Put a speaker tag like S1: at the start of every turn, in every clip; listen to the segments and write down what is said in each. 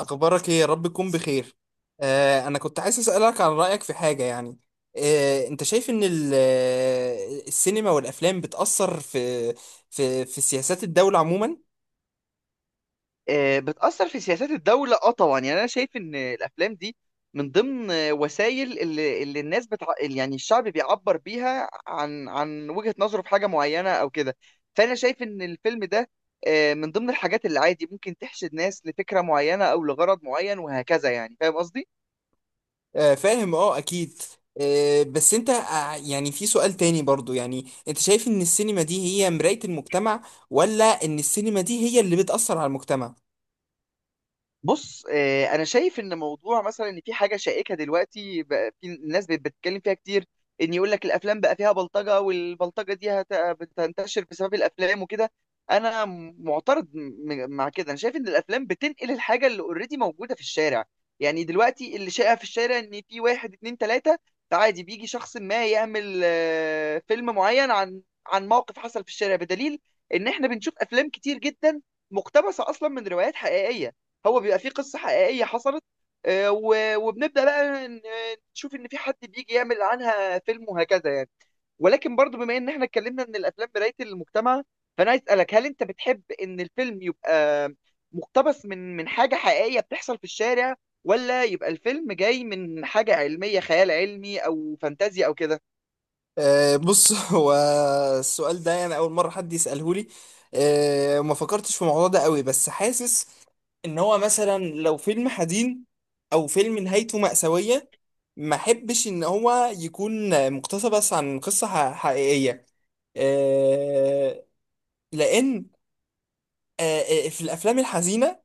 S1: أخبارك إيه؟ يا رب تكون بخير. أنا كنت عايز أسألك عن رأيك في حاجة يعني. أنت شايف إن السينما والأفلام بتأثر في سياسات الدولة عموما؟
S2: بتأثر في سياسات الدولة طبعا، يعني انا شايف ان الافلام دي من ضمن وسائل اللي الناس يعني الشعب بيعبر بيها عن وجهة نظره في حاجة معينة او كده. فانا شايف ان الفيلم ده من ضمن الحاجات اللي عادي ممكن تحشد ناس لفكرة معينة او لغرض معين، وهكذا، يعني فاهم قصدي.
S1: آه، فاهم أه أكيد. بس أنت، يعني في سؤال تاني برضو، يعني أنت شايف إن السينما دي هي مراية المجتمع، ولا إن السينما دي هي اللي بتأثر على المجتمع؟
S2: بص، انا شايف ان موضوع مثلا ان في حاجه شائكه دلوقتي، بقى في الناس بتتكلم فيها كتير، ان يقول لك الافلام بقى فيها بلطجه، والبلطجه دي بتنتشر بسبب الافلام وكده. انا معترض مع كده. انا شايف ان الافلام بتنقل الحاجه اللي اوريدي موجوده في الشارع. يعني دلوقتي اللي شائع في الشارع ان في واحد اتنين تلاته، عادي بيجي شخص ما يعمل فيلم معين عن موقف حصل في الشارع، بدليل ان احنا بنشوف افلام كتير جدا مقتبسه اصلا من روايات حقيقيه. هو بيبقى فيه قصة حقيقية حصلت، آه، و- وبنبدأ بقى نشوف إن في حد بيجي يعمل عنها فيلم، وهكذا يعني. ولكن برضو بما إن إحنا اتكلمنا إن الأفلام مراية المجتمع، فأنا عايز أسألك، هل أنت بتحب إن الفيلم يبقى مقتبس من حاجة حقيقية بتحصل في الشارع، ولا يبقى الفيلم جاي من حاجة علمية، خيال علمي أو فانتازيا أو كده؟
S1: بص، هو السؤال ده يعني أول مرة حد يسأله لي. ما فكرتش في الموضوع ده قوي، بس حاسس ان هو مثلا لو فيلم حزين او فيلم نهايته مأساوية، ما احبش ان هو يكون مقتبس عن قصة حقيقية، آه، لان آه، في الافلام الحزينة،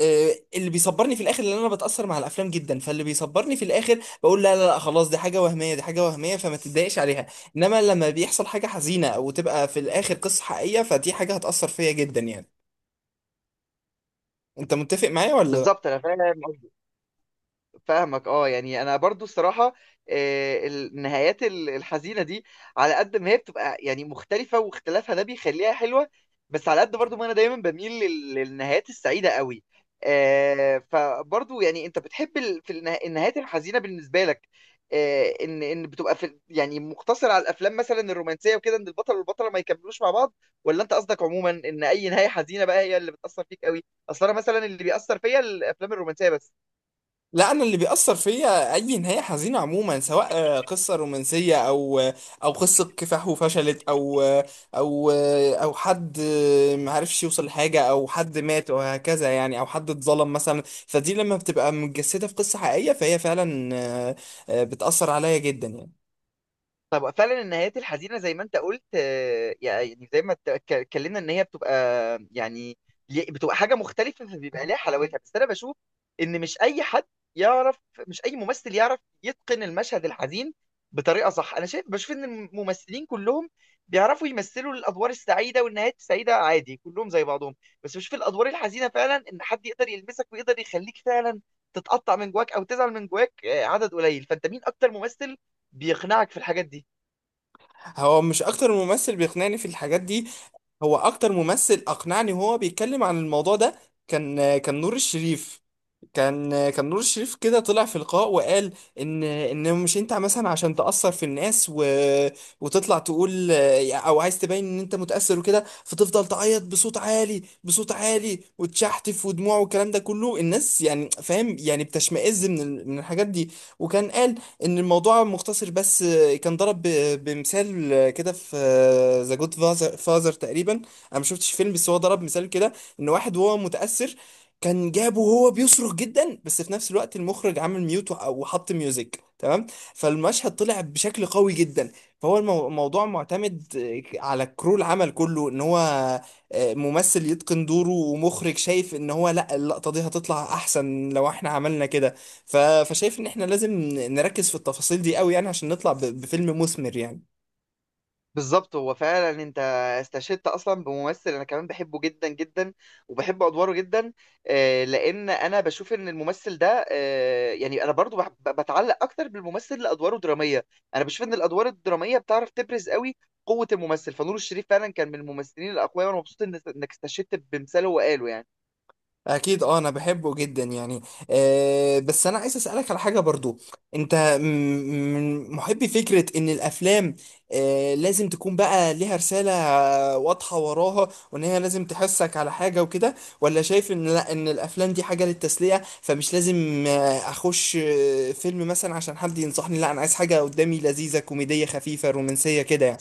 S1: اللي بيصبرني في الاخر، لان انا بتاثر مع الافلام جدا، فاللي بيصبرني في الاخر بقول لا لا لا، خلاص دي حاجه وهميه، دي حاجه وهميه، فما تتضايقش عليها. انما لما بيحصل حاجه حزينه وتبقى في الاخر قصه حقيقيه، فدي حاجه هتاثر فيا جدا يعني. انت متفق معايا ولا لا؟
S2: بالظبط، أنا فاهم، فاهمك. اه يعني انا برضو الصراحه، النهايات الحزينه دي، على قد ما هي بتبقى يعني مختلفه، واختلافها ده بيخليها حلوه، بس على قد برضو ما انا دايما بميل للنهايات السعيده قوي. فبرضو، يعني انت بتحب في النهايات الحزينه بالنسبه لك، ان بتبقى في يعني مقتصر على الافلام مثلا الرومانسيه وكده، ان البطل والبطله ما يكملوش مع بعض، ولا انت قصدك عموما ان اي نهايه حزينه بقى هي اللي بتاثر فيك قوي؟ اصل انا مثلا اللي بيأثر فيا الافلام الرومانسيه بس.
S1: لا، انا اللي بيأثر فيا اي نهاية حزينة عموما، سواء قصة رومانسية، او قصة كفاح وفشلت، او حد ما عرفش يوصل لحاجة، او حد مات وهكذا يعني، او حد اتظلم مثلا، فدي لما بتبقى متجسدة في قصة حقيقية فهي فعلا بتأثر عليا جدا يعني.
S2: طب فعلا النهايات الحزينه زي ما انت قلت، يعني زي ما اتكلمنا ان هي بتبقى، يعني بتبقى حاجه مختلفه، فبيبقى ليها حلاوتها. بس انا بشوف ان مش اي حد يعرف، مش اي ممثل يعرف يتقن المشهد الحزين بطريقه صح. انا شايف، بشوف ان الممثلين كلهم بيعرفوا يمثلوا الادوار السعيده والنهايات السعيده عادي، كلهم زي بعضهم، بس بشوف الادوار الحزينه، فعلا ان حد يقدر يلمسك ويقدر يخليك فعلا تتقطع من جواك او تزعل من جواك، عدد قليل. فانت مين اكتر ممثل بيقنعك في الحاجات دي؟
S1: هو مش اكتر ممثل بيقنعني في الحاجات دي، هو اكتر ممثل اقنعني وهو بيتكلم عن الموضوع ده كان كان نور الشريف، كان نور الشريف كده طلع في لقاء وقال ان مش انت مثلا عشان تأثر في الناس وتطلع تقول، او عايز تبين ان انت متأثر وكده، فتفضل تعيط بصوت عالي بصوت عالي وتشحتف ودموع والكلام ده كله، الناس يعني فاهم يعني بتشمئز من من الحاجات دي. وكان قال ان الموضوع مختصر بس، كان ضرب بمثال كده في ذا جود فازر تقريبا، انا ما شفتش فيلم بس هو ضرب مثال كده ان واحد وهو متأثر كان جابه وهو بيصرخ جدا، بس في نفس الوقت المخرج عمل ميوت وحط ميوزك تمام، فالمشهد طلع بشكل قوي جدا. فهو الموضوع معتمد على كرو العمل كله، ان هو ممثل يتقن دوره ومخرج شايف ان هو لا، اللقطة دي هتطلع احسن لو احنا عملنا كده. فشايف ان احنا لازم نركز في التفاصيل دي قوي يعني، عشان نطلع بفيلم مثمر يعني.
S2: بالظبط، هو فعلا انت استشهدت اصلا بممثل انا كمان بحبه جدا جدا، وبحب ادواره جدا. لان انا بشوف ان الممثل ده، يعني انا برضو بتعلق اكتر بالممثل لادواره دراميه. انا بشوف ان الادوار الدراميه بتعرف تبرز قوي قوه الممثل، فنور الشريف فعلا كان من الممثلين الاقوياء، وانا مبسوط انك استشهدت بمثاله وقاله يعني.
S1: اكيد، اه انا بحبه جدا يعني. أه بس انا عايز اسالك على حاجه برضو. انت م- من محبي فكره ان الافلام أه لازم تكون بقى ليها رساله واضحه وراها، وان هي لازم تحسك على حاجه وكده، ولا شايف ان لا، ان الافلام دي حاجه للتسليه، فمش لازم اخش فيلم مثلا عشان حد ينصحني، لا انا عايز حاجه قدامي لذيذه كوميديه خفيفه رومانسيه كده يعني.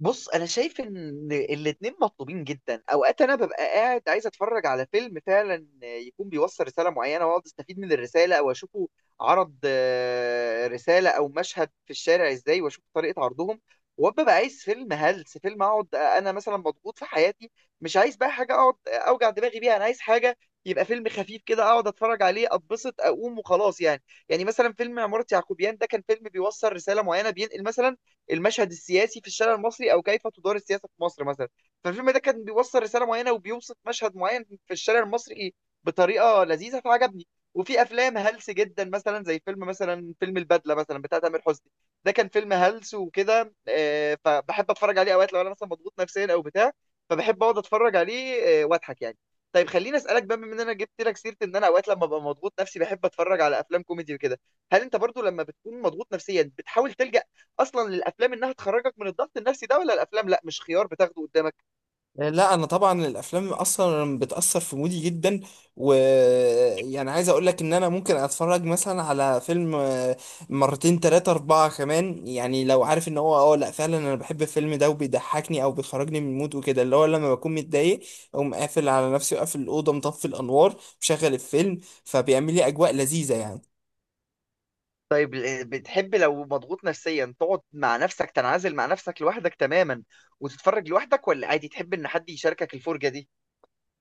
S2: بص، انا شايف ان الاتنين مطلوبين جدا. اوقات انا ببقى قاعد عايز اتفرج على فيلم فعلا يكون بيوصل رساله معينه، واقعد استفيد من الرساله، او اشوفه عرض رساله او مشهد في الشارع ازاي، واشوف طريقه عرضهم. وببقى عايز فيلم هلس، فيلم اقعد انا مثلا مضغوط في حياتي، مش عايز بقى حاجه اقعد اوجع دماغي بيها، انا عايز حاجه، يبقى فيلم خفيف كده، اقعد اتفرج عليه اتبسط اقوم وخلاص يعني. يعني مثلا فيلم عمارة يعقوبيان ده كان فيلم بيوصل رساله معينه، بينقل مثلا المشهد السياسي في الشارع المصري، او كيف تدار السياسه في مصر مثلا. فالفيلم ده كان بيوصل رساله معينه وبيوصف مشهد معين في الشارع المصري بطريقه لذيذه فعجبني. وفي افلام هلس جدا، مثلا زي فيلم مثلا، فيلم البدله مثلا بتاع تامر حسني، ده كان فيلم هلس وكده، فبحب اتفرج عليه اوقات لو انا مثلا مضغوط نفسيا او بتاع، فبحب اقعد اتفرج عليه واضحك يعني. طيب خليني اسالك بقى، بما ان انا جبت لك سيره ان انا اوقات لما ببقى مضغوط نفسي بحب اتفرج على افلام كوميدي وكده، هل انت برضو لما بتكون مضغوط نفسيا بتحاول تلجأ اصلا للافلام انها تخرجك من الضغط النفسي ده، ولا الافلام لا مش خيار بتاخده قدامك؟
S1: لا انا طبعا الافلام اصلا بتاثر في مودي جدا، ويعني عايز اقول لك ان انا ممكن اتفرج مثلا على فيلم مرتين تلاتة اربعة كمان يعني، لو عارف ان هو لا فعلا انا بحب الفيلم ده وبيضحكني او بيخرجني من المود وكده، اللي هو لما بكون متضايق اقوم قافل على نفسي وقافل الاوضه مطفي الانوار مشغل الفيلم، فبيعمل لي اجواء لذيذه يعني.
S2: طيب، بتحب لو مضغوط نفسيا تقعد مع نفسك، تنعزل مع نفسك لوحدك تماما، وتتفرج لوحدك، ولا عادي تحب ان حد يشاركك الفرجة دي؟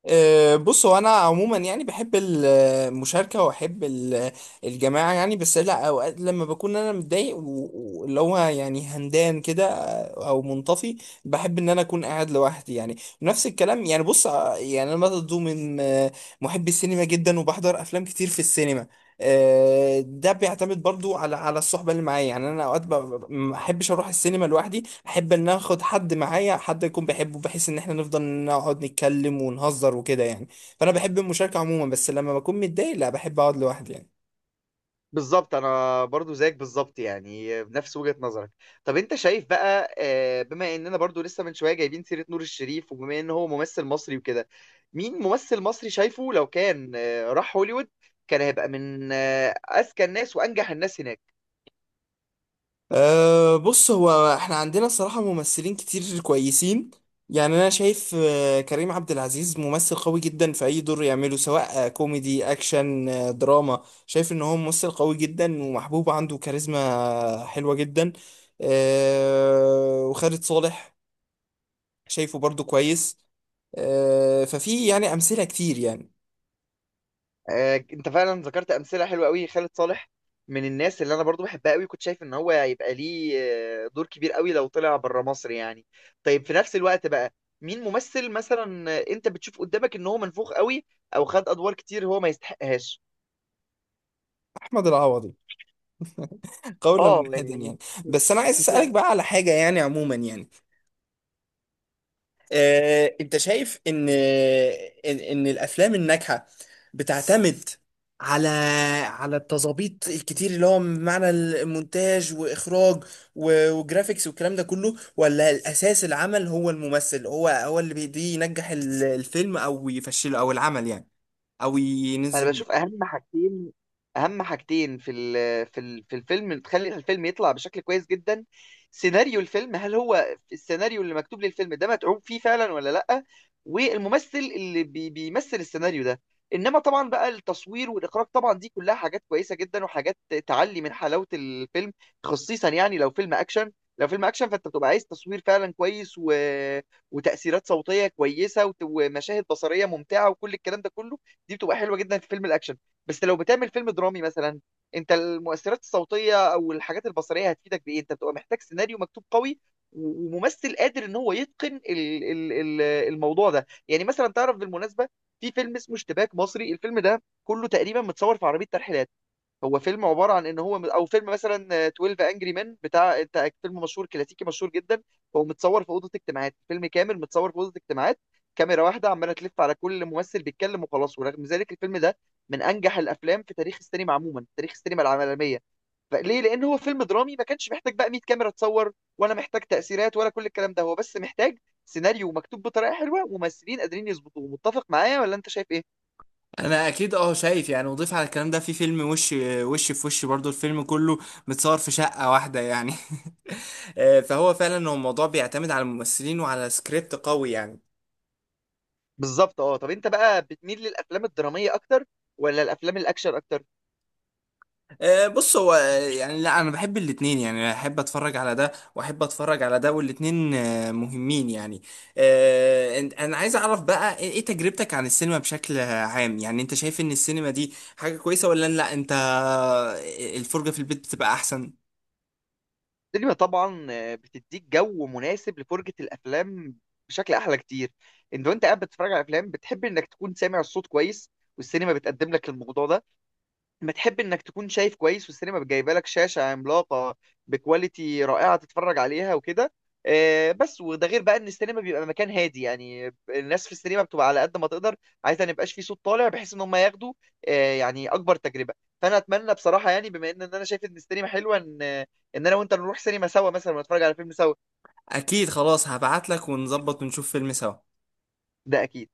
S1: بص هو انا عموما يعني بحب المشاركه واحب الجماعه يعني. بس لا، اوقات لما بكون انا متضايق واللي هو يعني هندان كده او منطفي، بحب ان انا اكون قاعد لوحدي يعني. نفس الكلام يعني. بص، يعني انا برضه من محبي السينما جدا، وبحضر افلام كتير في السينما. ده بيعتمد برضو على الصحبه اللي معايا يعني. انا اوقات ما احبش اروح السينما لوحدي، احب ان اخد حد معايا، حد يكون بحبه بحيث ان احنا نفضل نقعد نتكلم ونهزر وكده يعني. فانا بحب المشاركه عموما، بس لما بكون متضايق لا، بحب اقعد لوحدي يعني.
S2: بالظبط، انا برضو زيك بالظبط يعني، بنفس وجهة نظرك. طب انت شايف بقى، بما اننا برضو لسه من شوية جايبين سيرة نور الشريف، وبما ان هو ممثل مصري وكده، مين ممثل مصري شايفه لو كان راح هوليوود كان هيبقى من اذكى الناس وانجح الناس هناك؟
S1: أه بص، هو احنا عندنا الصراحة ممثلين كتير كويسين يعني. انا شايف كريم عبد العزيز ممثل قوي جدا في اي دور يعمله، سواء كوميدي اكشن دراما، شايف ان هو ممثل قوي جدا ومحبوب، عنده كاريزما حلوة جدا. أه وخالد صالح شايفه برضو كويس. أه ففي يعني امثلة كتير يعني.
S2: انت فعلا ذكرت امثله حلوه قوي. خالد صالح من الناس اللي انا برضو بحبها قوي، كنت شايف ان هو هيبقى ليه دور كبير قوي لو طلع بره مصر يعني. طيب، في نفس الوقت بقى، مين ممثل مثلا انت بتشوف قدامك ان هو منفوخ قوي، او خد ادوار كتير هو ما يستحقهاش؟
S1: احمد العوضي قولا
S2: اه،
S1: واحدا
S2: يعني.
S1: يعني. بس انا عايز اسالك بقى على حاجة يعني عموما يعني. انت شايف ان ان الافلام الناجحه بتعتمد على التظابيط الكتير، اللي هو معنى المونتاج واخراج وجرافيكس والكلام ده كله، ولا الاساس العمل هو الممثل، هو اللي بيدي ينجح الفيلم او يفشله او العمل يعني، او
S2: انا
S1: ينزل
S2: بشوف
S1: بيه.
S2: اهم حاجتين، اهم حاجتين في ال في ال في الفيلم تخلي الفيلم يطلع بشكل كويس جدا: سيناريو الفيلم، هل هو السيناريو اللي مكتوب للفيلم ده متعوب فيه فعلا ولا لا، والممثل اللي بيمثل السيناريو ده. انما طبعا بقى التصوير والاخراج، طبعا دي كلها حاجات كويسه جدا، وحاجات تعلي من حلاوه الفيلم، خصيصا يعني لو فيلم اكشن. لو فيلم اكشن، فانت بتبقى عايز تصوير فعلا كويس و... وتاثيرات صوتيه كويسه وت- ومشاهد بصريه ممتعه وكل الكلام ده كله، دي بتبقى حلوه جدا في فيلم الاكشن. بس لو بتعمل فيلم درامي مثلا، انت المؤثرات الصوتيه او الحاجات البصريه هتفيدك بايه؟ انت بتبقى محتاج سيناريو مكتوب قوي و- وممثل قادر ان هو يتقن الموضوع ده، يعني مثلا تعرف بالمناسبه، في فيلم اسمه اشتباك مصري، الفيلم ده كله تقريبا متصور في عربيه ترحيلات، هو فيلم عبارة عن ان هو، او فيلم مثلا 12 انجري مان بتاع انت، فيلم مشهور كلاسيكي مشهور جدا، هو متصور في أوضة اجتماعات، فيلم كامل متصور في أوضة اجتماعات، كاميرا واحدة عمالة تلف على كل ممثل بيتكلم وخلاص، ورغم ذلك الفيلم ده من انجح الافلام في تاريخ السينما عموما، في تاريخ السينما العالمية. فليه؟ لان هو فيلم درامي، ما كانش محتاج بقى 100 كاميرا تصور، ولا محتاج تأثيرات، ولا كل الكلام ده. هو بس محتاج سيناريو مكتوب بطريقة حلوة، وممثلين قادرين يظبطوه. متفق معايا ولا انت شايف ايه؟
S1: انا اكيد اه شايف يعني، وضيف على الكلام ده في فيلم وش، وش، في وش برضو الفيلم كله متصور في شقة واحدة يعني. فهو فعلا هو الموضوع بيعتمد على الممثلين وعلى سكريبت قوي يعني.
S2: بالظبط. اه طب انت بقى بتميل للافلام الدراميه اكتر، ولا الافلام الاكشن اكتر؟
S1: بص هو، يعني لا انا بحب الاتنين يعني، احب اتفرج على ده واحب اتفرج على ده، والاتنين مهمين يعني. انا عايز اعرف بقى ايه، تجربتك عن السينما بشكل عام يعني. انت شايف ان السينما دي حاجة كويسة، ولا لا، انت الفرجة في البيت بتبقى احسن؟
S2: السينما طبعا بتديك جو مناسب لفرجه الافلام بشكل احلى كتير. انت وانت قاعد بتتفرج على الافلام، بتحب انك تكون سامع الصوت كويس، والسينما بتقدم لك الموضوع ده. بتحب انك تكون شايف كويس، والسينما جايبه لك شاشه عملاقه بكواليتي رائعه تتفرج عليها وكده. بس وده غير بقى ان السينما بيبقى مكان هادي، يعني الناس في السينما بتبقى على قد ما تقدر عايزه ما يبقاش في صوت طالع، بحيث ان هم ياخدوا يعني اكبر تجربه. فانا اتمنى بصراحه، يعني بما ان انا شايف ان السينما حلوه، ان انا وانت نروح سينما سوا مثلا، ونتفرج على فيلم سوا.
S1: اكيد، خلاص هبعت لك ونظبط ونشوف فيلم سوا.
S2: ده اكيد.